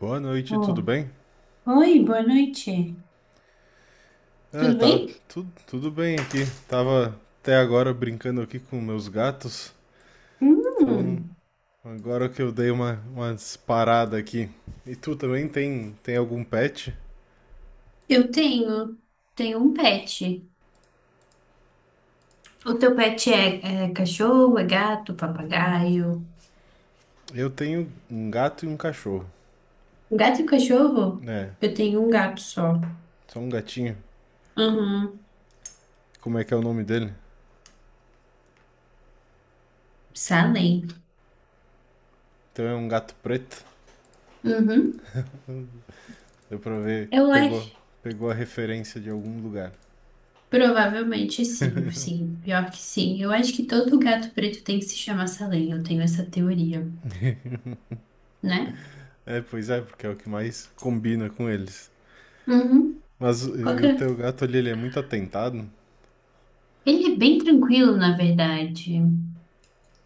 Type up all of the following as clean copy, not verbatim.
Boa noite, tudo Oh. bem? Oi, boa noite. É, Tudo tá bem? tudo bem aqui. Tava até agora brincando aqui com meus gatos. Então, Hum, agora que eu dei uma parada aqui. E tu também tem algum pet? eu tenho, tenho um pet. O teu pet é cachorro, é gato, papagaio? Eu tenho um gato e um cachorro. Um gato e um cachorro? É, Eu tenho um gato só. só um gatinho. Uhum. Como é que é o nome dele? Salem. Então é um gato preto. Uhum. Deu pra ver, Eu acho. pegou a referência de algum lugar. Provavelmente sim, sim. Pior que sim. Eu acho que todo gato preto tem que se chamar Salem. Eu tenho essa teoria, né? É, pois é, porque é o que mais combina com eles. Uhum. Mas Qual e que o é? teu gato ali, ele é muito atentado? Ele é bem tranquilo, na verdade.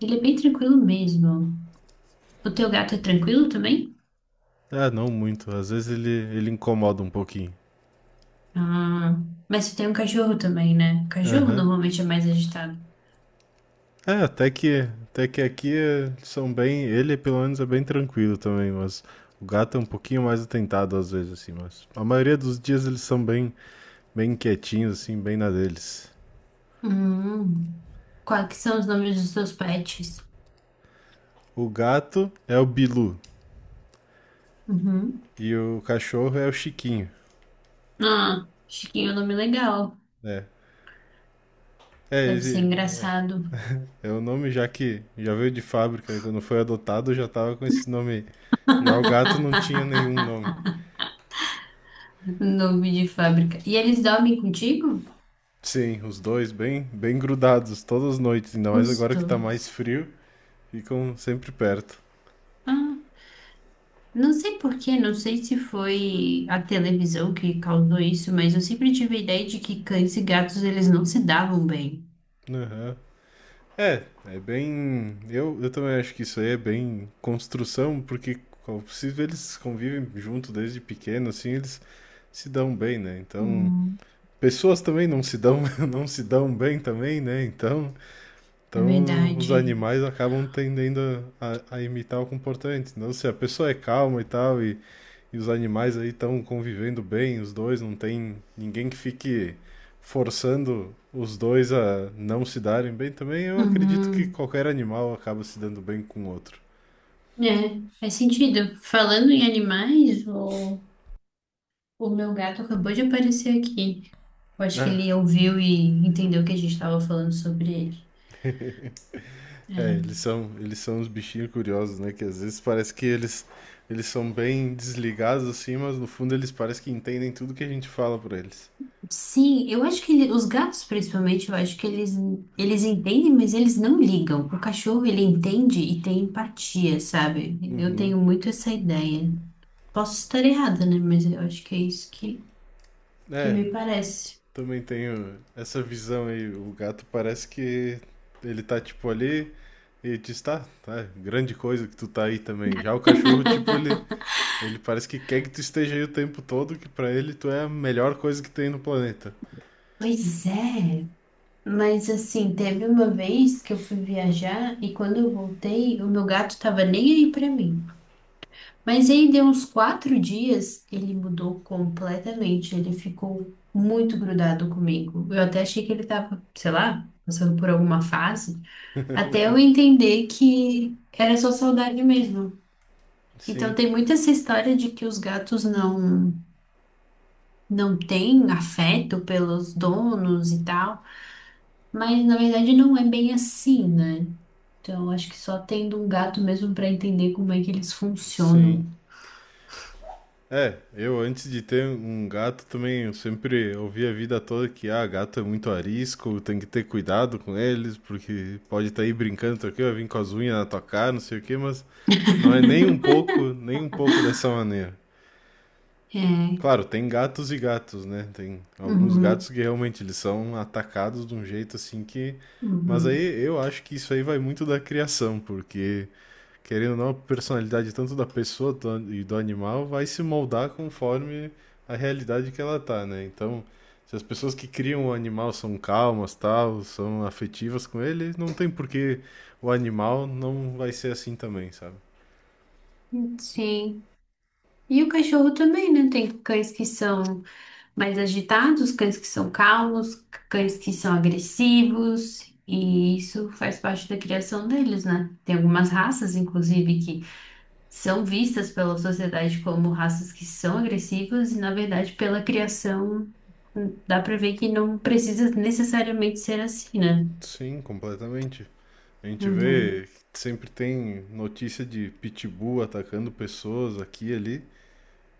Ele é bem tranquilo mesmo. O teu gato é tranquilo também? Ah, não muito. Às vezes ele incomoda um pouquinho. Ah, mas tu tem um cachorro também, né? Cachorro Aham. normalmente é mais agitado. É, até que aqui são bem. Ele, pelo menos, é bem tranquilo também, mas o gato é um pouquinho mais atentado às vezes, assim. Mas a maioria dos dias eles são bem quietinhos, assim, bem na deles. Hum, quais que são os nomes dos teus pets? O gato é o Bilu Uhum. e o cachorro é o Chiquinho. Ah, Chiquinho é um nome legal. É. É, Deve ser esse engraçado. é o nome já que já veio de fábrica, né? Quando foi adotado já tava com esse nome. Aí. Já o gato não tinha nenhum nome. Nome de fábrica. E eles dormem contigo? Sim, os dois bem grudados todas as noites, ainda mais Os agora que tá mais dois. frio, ficam sempre perto. Ah, não sei por quê, não sei se foi a televisão que causou isso, mas eu sempre tive a ideia de que cães e gatos eles não se davam bem. Aham. É, é bem. Eu também acho que isso aí é bem construção, porque como é possível eles convivem junto desde pequeno, assim, eles se dão bem, né? Então, Hum, pessoas também não se dão, não se dão bem também, né? Então, é Então, os verdade. animais acabam tendendo a imitar o comportamento. Então, se a pessoa é calma e tal, e os animais aí estão convivendo bem, os dois, não tem ninguém que fique forçando os dois a não se darem bem também, eu acredito que Uhum. qualquer animal acaba se dando bem com o outro. É, faz sentido. Falando em animais, o meu gato acabou de aparecer aqui. Eu acho que Ah, ele ouviu e entendeu que a gente estava falando sobre ele. é, eles É. são, eles são os bichinhos curiosos, né? Que às vezes parece que eles são bem desligados assim, mas no fundo eles parecem que entendem tudo que a gente fala pra eles. Sim, eu acho que os gatos, principalmente, eu acho que eles entendem, mas eles não ligam. O cachorro, ele entende e tem empatia, sabe? Eu Uhum. tenho muito essa ideia. Posso estar errada, né? Mas eu acho que é isso que É, me parece. também tenho essa visão aí. O gato parece que ele tá tipo ali e diz, tá, tá, grande coisa que tu tá aí também. Já o cachorro, ele parece que quer que tu esteja aí o tempo todo, que pra ele tu é a melhor coisa que tem no planeta. Pois é. Mas assim, teve uma vez que eu fui viajar e quando eu voltei, o meu gato tava nem aí pra mim. Mas aí deu uns quatro dias, ele mudou completamente. Ele ficou muito grudado comigo. Eu até achei que ele tava, sei lá, passando por alguma fase, até eu entender que era só saudade mesmo. Então Sim, tem muito essa história de que os gatos não têm afeto pelos donos e tal. Mas na verdade não é bem assim, né? Então, acho que só tendo um gato mesmo para entender como é que eles sim. funcionam. É, eu antes de ter um gato também, eu sempre ouvi a vida toda que, ah, gato é muito arisco, tem que ter cuidado com eles, porque pode estar aí brincando, tá aqui, vai vir com as unhas na tua cara, não sei o quê, mas não é nem um pouco, nem um pouco dessa maneira. É. Claro, tem gatos e gatos, né? Tem alguns gatos Uhum, que realmente eles são atacados de um jeito assim que. Mas aí uhum. eu acho que isso aí vai muito da criação, porque querendo ou não, a personalidade tanto da pessoa do- e do animal vai se moldar conforme a realidade que ela tá, né? Então, se as pessoas que criam o animal são calmas, tal, são afetivas com ele, não tem por que o animal não vai ser assim também, sabe? Sim. E o cachorro também, né? Tem cães que são mais agitados, cães que são calmos, cães que são agressivos, e isso faz parte da criação deles, né? Tem algumas raças, inclusive, que são vistas pela sociedade como raças que são agressivas, e na verdade, pela criação, dá para ver que não precisa necessariamente ser assim, né? Sim, completamente. A gente Uhum. vê que sempre tem notícia de pitbull atacando pessoas aqui e ali,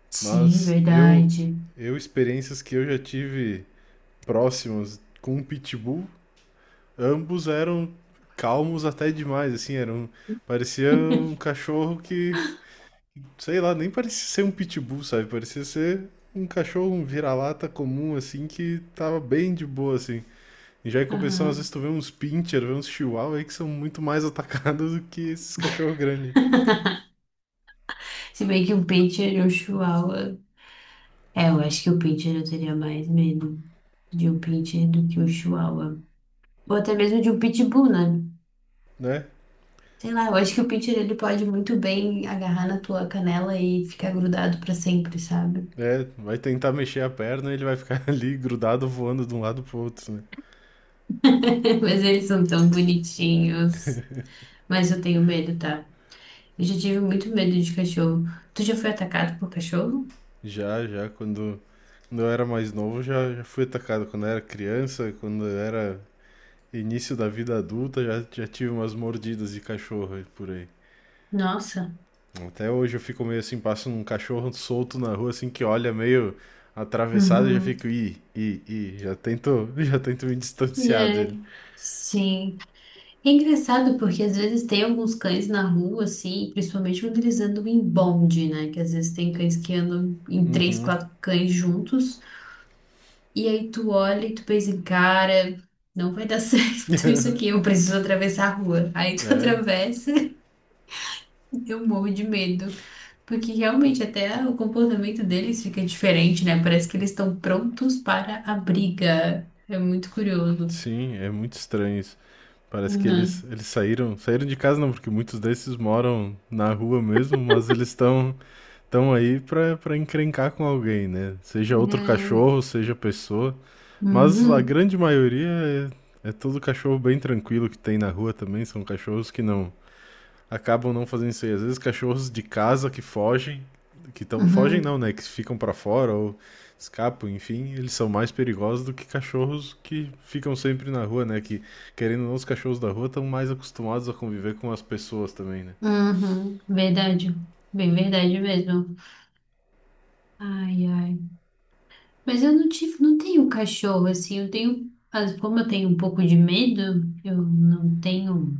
Sim, mas eu verdade. eu experiências que eu já tive próximas com um pitbull, ambos eram calmos até demais, assim, eram parecia um cachorro que, sei lá, nem parecia ser um pitbull, sabe? Parecia ser um cachorro, um vira-lata comum assim que tava bem de boa assim. E já em compensação, às Aham. vezes tu vê uns pincher, vê uns chihuahua aí que são muito mais atacados do que esses cachorros grandes, Se bem que um pincher e um chihuahua. É, eu acho que o pincher eu teria mais medo de um pincher do que um chihuahua. Ou até mesmo de um pitbull, né? né? Sei lá, eu acho que o pincher ele pode muito bem agarrar na tua canela e ficar grudado pra sempre, sabe? É, vai tentar mexer a perna e ele vai ficar ali grudado voando de um lado pro outro, né? Mas eles são tão bonitinhos. Mas eu tenho medo, tá? Eu já tive muito medo de cachorro. Tu já foi atacado por cachorro? Já, já, quando, quando eu era mais novo, já fui atacado. Quando eu era criança, quando eu era início da vida adulta, já tive umas mordidas de cachorro por aí. Nossa. Até hoje eu fico meio assim, passo um cachorro solto na rua, assim, que olha meio atravessado, eu já Uhum. fico, já tento, já tento me distanciar É. dele. Sim. É engraçado porque às vezes tem alguns cães na rua, assim, principalmente quando eles andam em bonde, né? Que às vezes tem cães que andam em três, quatro cães juntos, e aí tu olha e tu pensa, cara, não vai dar certo isso aqui, eu preciso atravessar a rua. Aí tu É, atravessa, eu morro de medo. Porque realmente até o comportamento deles fica diferente, né? Parece que eles estão prontos para a briga. É muito curioso. sim, é muito estranho isso. Parece que eles, Uhum. eles saíram de casa não, porque muitos desses moram na rua mesmo, mas eles estão tão aí pra encrencar com alguém, né? Seja outro É. cachorro, seja pessoa. Mas a Uhum. grande maioria é todo cachorro bem tranquilo que tem na rua também, são cachorros que não, acabam não fazendo isso aí. Às vezes cachorros de casa que fogem, que tão, fogem Uhum. não, né, que ficam pra fora ou escapam, enfim, eles são mais perigosos do que cachorros que ficam sempre na rua, né, que querendo ou não, os cachorros da rua estão mais acostumados a conviver com as pessoas também, né. Uhum, verdade. Bem verdade mesmo. Ai, ai. Mas eu não tenho cachorro, assim, eu tenho, mas como eu tenho um pouco de medo, eu não tenho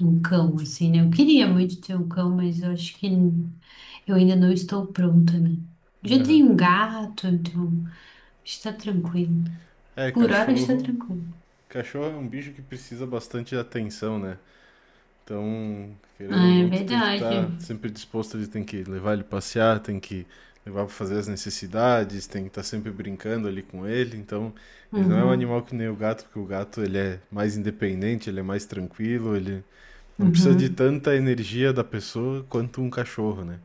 um cão, assim, né? Eu queria muito ter um cão, mas eu acho que eu ainda não estou pronta, né? Já Aham. tenho um gato, então está tranquilo. É, Por hora está cachorro... tranquilo. Cachorro é um bicho que precisa bastante de atenção, né? Então, querendo Ah, ou é não, tu tem que verdade. estar sempre disposto, ele tem que levar ele passear, tem que levar para fazer as necessidades, tem que estar sempre brincando ali com ele. Então, ele não é um Uhum, animal que nem o gato, porque o gato ele é mais independente, ele é mais tranquilo, ele não precisa de uhum. tanta energia da pessoa quanto um cachorro, né?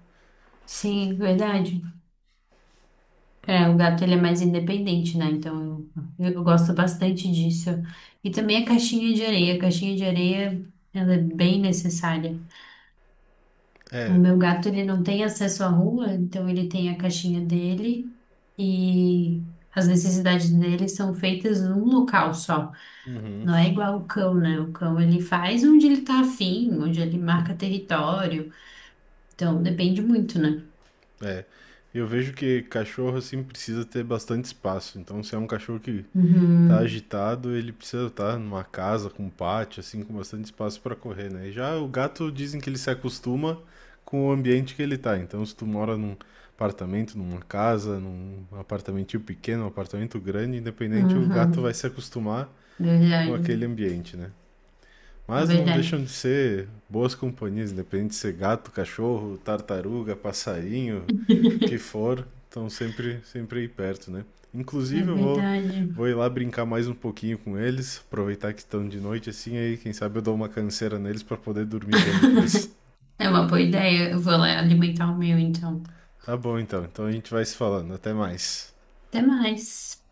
Sim, verdade. É, o gato ele é mais independente, né? Então eu gosto bastante disso. E também a caixinha de areia. A caixinha de areia, ela é bem necessária. O É. meu gato ele não tem acesso à rua, então ele tem a caixinha dele e as necessidades dele são feitas num local só. Uhum. Não é igual o cão, né? O cão ele faz onde ele tá afim, onde ele marca território. Então depende muito, né? É. Eu vejo que cachorro assim precisa ter bastante espaço. Então, se é um cachorro que tá Uhum, agitado, ele precisa estar numa casa com um pátio, assim, com bastante espaço para correr, né? E já o gato dizem que ele se acostuma com o ambiente que ele tá. Então, se tu mora num apartamento, numa casa, num apartamentinho pequeno, um apartamento grande, independente, o gato vai uhum, se acostumar com verdade, aquele ambiente, né? é Mas não verdade. deixam de ser boas companhias, independente de ser gato, cachorro, tartaruga, passarinho, que for, estão sempre aí perto, né? É Inclusive, verdade. vou ir lá brincar mais um pouquinho com eles, aproveitar que estão de noite assim, aí quem sabe eu dou uma canseira neles para poder dormir bem depois. É uma boa ideia. Eu vou lá alimentar o meu, então. Tá bom então, então a gente vai se falando, até mais. Até mais.